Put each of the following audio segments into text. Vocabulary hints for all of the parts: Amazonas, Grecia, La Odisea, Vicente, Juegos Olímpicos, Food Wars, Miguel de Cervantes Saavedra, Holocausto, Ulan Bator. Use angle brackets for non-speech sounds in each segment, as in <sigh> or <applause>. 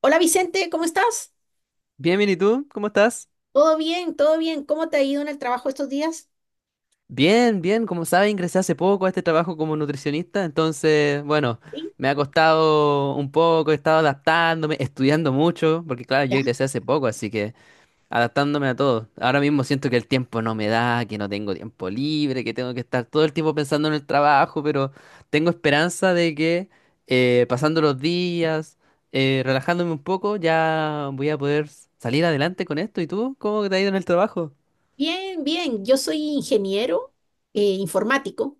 Hola Vicente, ¿cómo estás? Bien, bien, ¿y tú? ¿Cómo estás? ¿Todo bien? ¿Todo bien? ¿Cómo te ha ido en el trabajo estos días? Bien, bien, como sabes, ingresé hace poco a este trabajo como nutricionista, entonces, bueno, Sí, me ha costado un poco, he estado adaptándome, estudiando mucho, porque claro, yo ya. ingresé hace poco, así que adaptándome a todo. Ahora mismo siento que el tiempo no me da, que no tengo tiempo libre, que tengo que estar todo el tiempo pensando en el trabajo, pero tengo esperanza de que pasando los días, relajándome un poco, ya voy a poder salir adelante con esto. ¿Y tú? ¿Cómo te ha ido en el trabajo? Bien, bien. Yo soy ingeniero informático.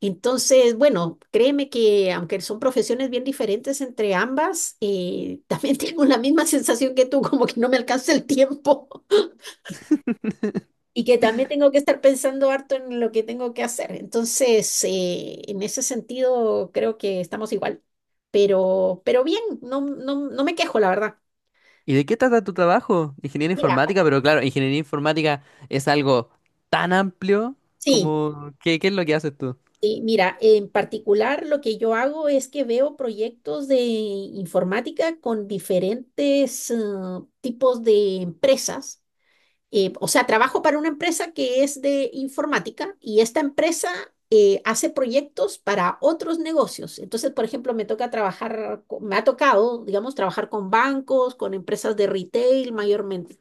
Entonces, bueno, créeme que aunque son profesiones bien diferentes entre ambas, también <laughs> tengo la misma sensación que tú, como que no me alcanza el tiempo <laughs> y que también tengo que estar pensando harto en lo que tengo que hacer. Entonces, en ese sentido, creo que estamos igual. Pero bien, no me quejo, la verdad. ¿Y de qué trata tu trabajo? Ingeniería Mira, informática, pero claro, ingeniería informática es algo tan amplio sí. ¿Qué es lo que haces tú? Sí, mira, en particular lo que yo hago es que veo proyectos de informática con diferentes tipos de empresas. O sea, trabajo para una empresa que es de informática y esta empresa hace proyectos para otros negocios. Entonces, por ejemplo, me toca trabajar, me ha tocado, digamos, trabajar con bancos, con empresas de retail mayormente.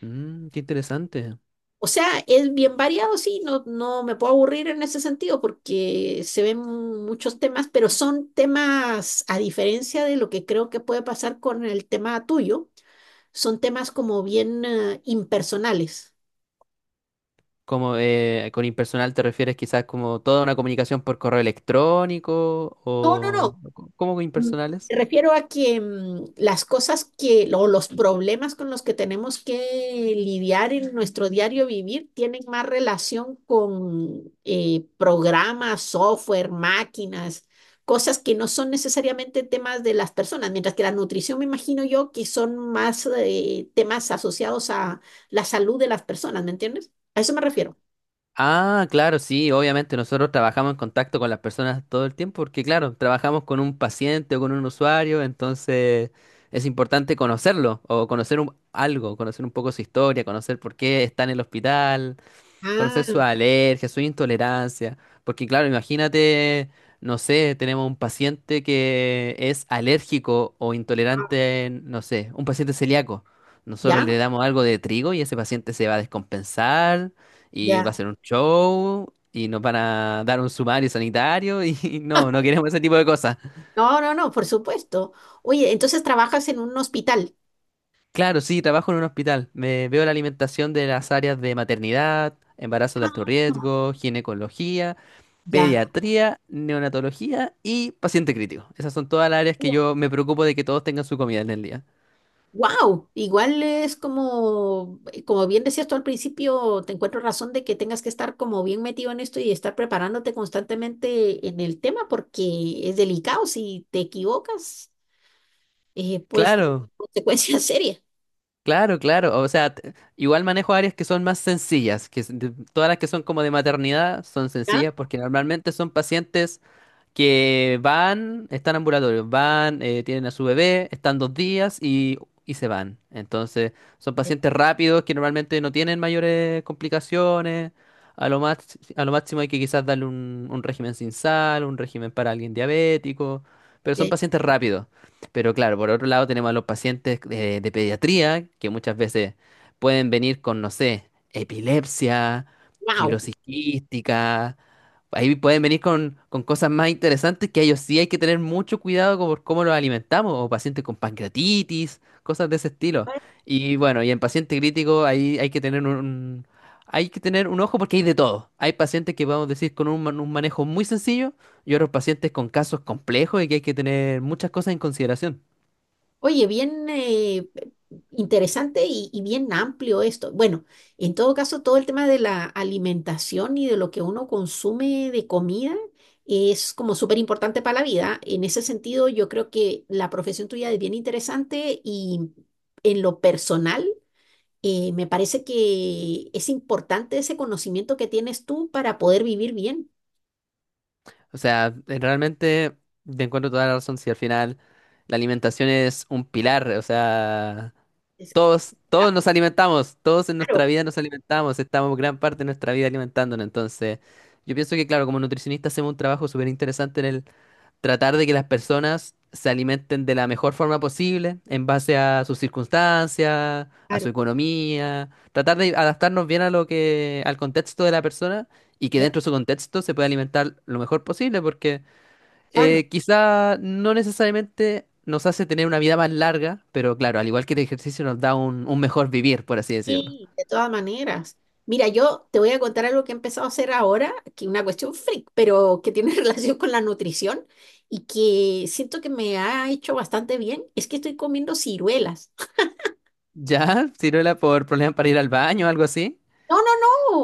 Mm, qué interesante. O sea, es bien variado, sí, no me puedo aburrir en ese sentido porque se ven muchos temas, pero son temas, a diferencia de lo que creo que puede pasar con el tema tuyo, son temas como bien impersonales. Como con impersonal te refieres quizás como toda una comunicación por correo electrónico No, no, o... no. co- ¿cómo con Mm, impersonales? refiero a que las cosas que, o los problemas con los que tenemos que lidiar en nuestro diario vivir tienen más relación con programas, software, máquinas, cosas que no son necesariamente temas de las personas, mientras que la nutrición me imagino yo que son más temas asociados a la salud de las personas, ¿me entiendes? A eso me refiero. Ah, claro, sí, obviamente nosotros trabajamos en contacto con las personas todo el tiempo porque, claro, trabajamos con un paciente o con un usuario, entonces es importante conocerlo o conocer algo, conocer un poco su historia, conocer por qué está en el hospital, Ah, conocer sus alergias, su intolerancia. Porque claro, imagínate, no sé, tenemos un paciente que es alérgico o intolerante, no sé, un paciente celíaco. Nosotros le ya, damos algo de trigo y ese paciente se va a descompensar y va a ya. ser un show y nos van a dar un sumario sanitario y <laughs> no, no <laughs> queremos ese tipo de cosas. No, no, no, por supuesto. Oye, entonces trabajas en un hospital. Claro, sí, trabajo en un hospital. Me veo la alimentación de las áreas de maternidad, embarazo de alto riesgo, ginecología, Ya. pediatría, neonatología y paciente crítico. Esas son todas las áreas que yo me preocupo de que todos tengan su comida en el día. Wow, igual es como, como bien decías tú al principio, te encuentro razón de que tengas que estar como bien metido en esto y estar preparándote constantemente en el tema porque es delicado. Si te equivocas, pues Claro, consecuencias serias. claro, claro. O sea, igual manejo áreas que son más sencillas, todas las que son como de maternidad son ¿Ya? sencillas porque normalmente son pacientes que van, están ambulatorios, van, tienen a su bebé, están 2 días y se van. Entonces, son pacientes rápidos que normalmente no tienen mayores complicaciones. A lo más, a lo máximo hay que quizás darle un régimen sin sal, un régimen para alguien diabético, pero son pacientes rápidos. Pero claro, por otro lado tenemos a los pacientes de pediatría, que muchas veces pueden venir con, no sé, epilepsia, Wow. fibrosis quística. Ahí pueden venir con cosas más interesantes que a ellos sí hay que tener mucho cuidado con por cómo los alimentamos, o pacientes con pancreatitis, cosas de ese estilo. <laughs> Y bueno, y en paciente crítico ahí hay que tener un ojo porque hay de todo. Hay pacientes que podemos decir con un manejo muy sencillo y otros pacientes con casos complejos y que hay que tener muchas cosas en consideración. Oye, bien, interesante y bien amplio esto. Bueno, en todo caso, todo el tema de la alimentación y de lo que uno consume de comida es como súper importante para la vida. En ese sentido, yo creo que la profesión tuya es bien interesante y en lo personal, me parece que es importante ese conocimiento que tienes tú para poder vivir bien. O sea, realmente te encuentro toda la razón si al final la alimentación es un pilar, o sea... Es- Todos nos alimentamos, todos en nuestra claro, vida nos alimentamos, estamos gran parte de nuestra vida alimentándonos. Entonces, yo pienso que, claro, como nutricionista hacemos un trabajo súper interesante en el tratar de que las personas se alimenten de la mejor forma posible, en base a sus circunstancias, a claro, su economía, tratar de adaptarnos bien a lo que, al contexto de la persona y que ya, dentro de su contexto se pueda alimentar lo mejor posible, porque claro. Quizá no necesariamente nos hace tener una vida más larga, pero claro, al igual que el ejercicio nos da un mejor vivir, por así decirlo. Sí, de <laughs> todas maneras. Mira, yo te voy a contar algo que he empezado a hacer ahora, que es una cuestión freak, pero que tiene <laughs> relación con la nutrición y que siento que me ha hecho bastante bien, es que estoy comiendo ciruelas. Ya, si no por problemas para ir al baño o algo así. No, no,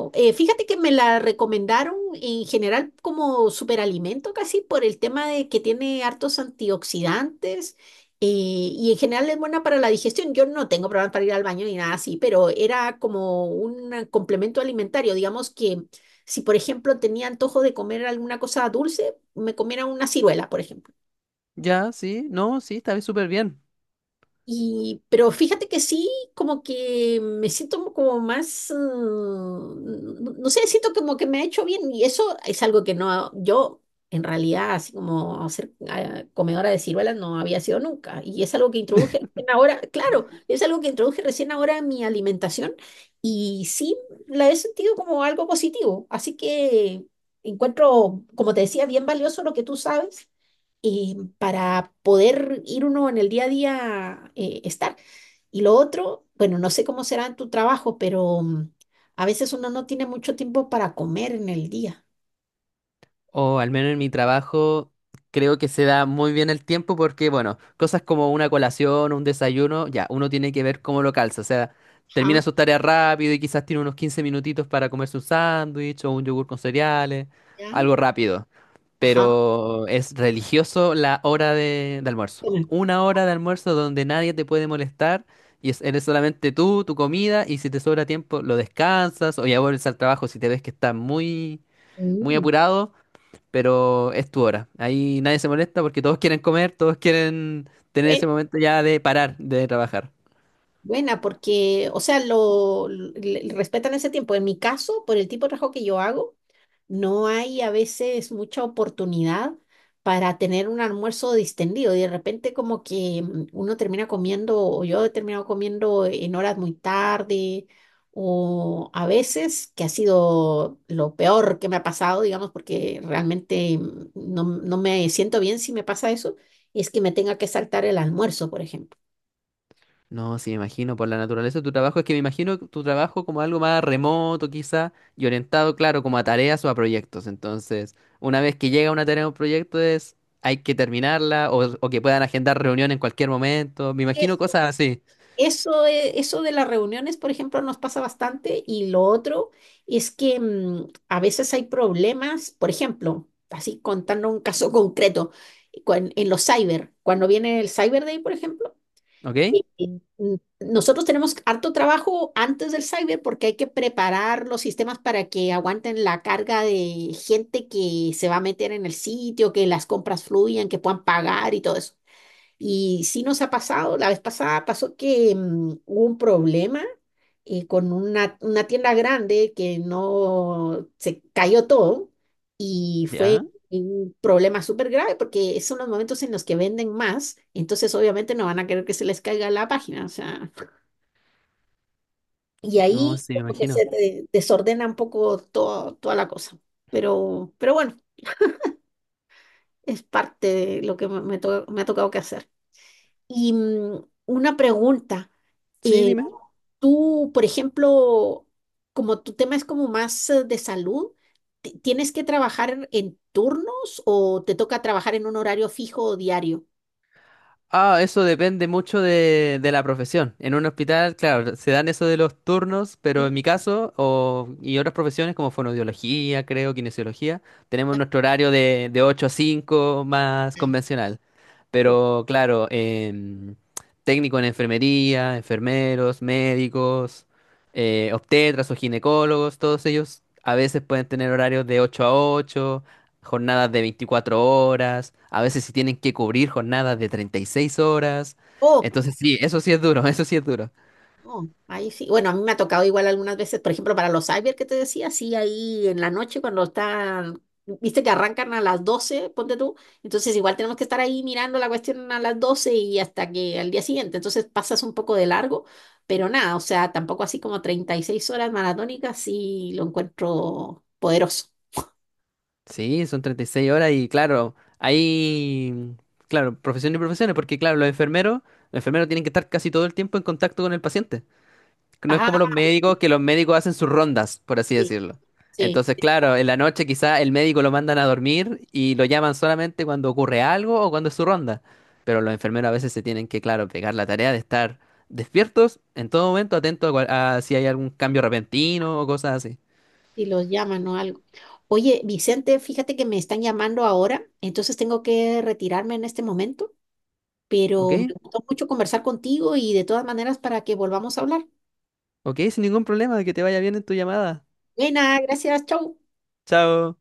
no. Fíjate que me la recomendaron en general como superalimento casi por el tema de que tiene hartos antioxidantes, y en general es buena para la digestión. Yo no tengo problemas para ir al baño ni nada así, pero era como un complemento alimentario. Digamos que si, por ejemplo, tenía antojo de comer alguna cosa dulce, me comiera una ciruela, por ejemplo. Ya, sí, no, sí, está súper bien. Y, pero fíjate que sí, como que me siento como más, no sé, siento como que me ha hecho bien y eso es algo que no, yo en realidad, así como ser ah, comedora de ciruelas no había sido nunca y es algo que introduje <laughs> recién ahora, claro, es algo que introduje recién ahora en mi alimentación y sí la he sentido como algo positivo, así que encuentro, como te decía, bien valioso lo que tú sabes, para poder ir uno en el día a día estar. Y lo otro, bueno, no sé cómo será en tu trabajo, pero a veces uno no tiene mucho tiempo para comer en el día. O al menos en mi trabajo creo que se da muy bien el tiempo porque, bueno, cosas como una colación, un desayuno, ya, uno tiene que ver cómo lo calza. O sea, Ajá, termina sus tareas rápido y quizás tiene unos 15 minutitos para comerse un sándwich o un yogur con cereales, ya, algo rápido. ajá. Pero es religioso la hora de almuerzo. Bueno, Una hora de almuerzo donde nadie te puede molestar y eres solamente tú, tu comida, y si te sobra tiempo lo descansas o ya vuelves al trabajo si te ves que estás muy, muy mm, apurado, pero es tu hora. Ahí nadie se molesta porque todos quieren comer, todos quieren tener buen- ese momento ya de parar de trabajar. buena, porque, o sea, respetan ese tiempo. En mi caso, por el tipo de trabajo que yo hago, no hay a veces mucha oportunidad para tener un almuerzo distendido y de repente como que uno termina comiendo o yo he terminado comiendo en horas muy tarde o a veces que ha sido lo peor que me ha pasado, digamos, porque realmente no, no me siento bien si me pasa eso, es que me tenga que saltar el almuerzo, por ejemplo. No, sí, me imagino, por la naturaleza de tu trabajo, es que me imagino tu trabajo como algo más remoto quizá y orientado, claro, como a tareas o a proyectos. Entonces, una vez que llega una tarea o un proyecto es, hay que terminarla o que puedan agendar reunión en cualquier momento. Me imagino cosas así, Eso, eso de las reuniones, por ejemplo, nos pasa bastante y lo otro es que a veces hay problemas, por ejemplo, así contando un caso <laughs> concreto, en los cyber, cuando viene el Cyber Day, por ejemplo, ¿ok? eh, eh, mm, nosotros tenemos harto trabajo antes del cyber porque hay que preparar los sistemas para que aguanten la carga de gente que se va a meter en el sitio, que las compras fluyan, que puedan pagar y todo eso. Y sí nos ha pasado, la vez pasada pasó que hubo un problema con una tienda grande que no se cayó todo y fue Ya, un problema súper grave porque son los momentos en los que venden más, entonces obviamente no van a querer que se les caiga la página, o sea, y no, ahí sí, me como que imagino. Desordena un poco todo, toda la cosa, pero bueno, es parte de lo que me ha tocado que hacer. Y una pregunta. Sí, eh, dime. Tú, por ejemplo, como tu tema es como más de salud, ¿tienes que trabajar en turnos o te toca trabajar en un horario fijo o diario? Ah, eso depende mucho de la profesión. En un hospital, claro, se dan eso de los turnos, pero Sí. en mi caso, o, y otras profesiones como fonoaudiología, creo, kinesiología, tenemos Ya. nuestro horario de 8 a 5 más convencional. Pero claro, técnico en enfermería, enfermeros, médicos, obstetras o ginecólogos, todos ellos a veces pueden tener horarios de 8 a 8, jornadas de 24 horas, a veces si tienen que cubrir jornadas de 36 horas. Oh, Entonces sí, eso sí es duro, <laughs> eso sí es duro. no, ahí sí. Bueno, a mí me ha tocado igual algunas veces, por ejemplo, para los cyber que te decía, sí, ahí en la noche cuando están, viste que arrancan a las 12 ponte tú, entonces igual tenemos que estar ahí mirando la cuestión a las 12 y hasta que al día siguiente, entonces pasas un poco de largo, pero nada, o sea, tampoco así como 36 horas maratónicas, sí lo encuentro poderoso. Sí, son 36 horas y claro, claro, profesiones y profesiones, porque claro, los enfermeros tienen que estar casi todo el tiempo en contacto con el paciente. No es Ah, como los médicos, que los médicos hacen sus rondas, por así sí, decirlo. Entonces, sí, claro, en la noche quizá el médico lo mandan a dormir y lo llaman solamente cuando ocurre algo o cuando es su ronda. Pero los enfermeros a veces se tienen que, claro, pegar la tarea de estar despiertos en todo momento, atentos a, a si hay algún cambio repentino o cosas así. sí, los llaman o algo. Oye, Vicente, fíjate que me están llamando ahora, entonces tengo que retirarme en este momento, ¿Ok? pero me gustó mucho conversar contigo y de todas maneras para que volvamos a hablar. ¿Ok? Sin ningún problema, que te vaya bien en tu llamada. Buena, gracias, chau. Chao.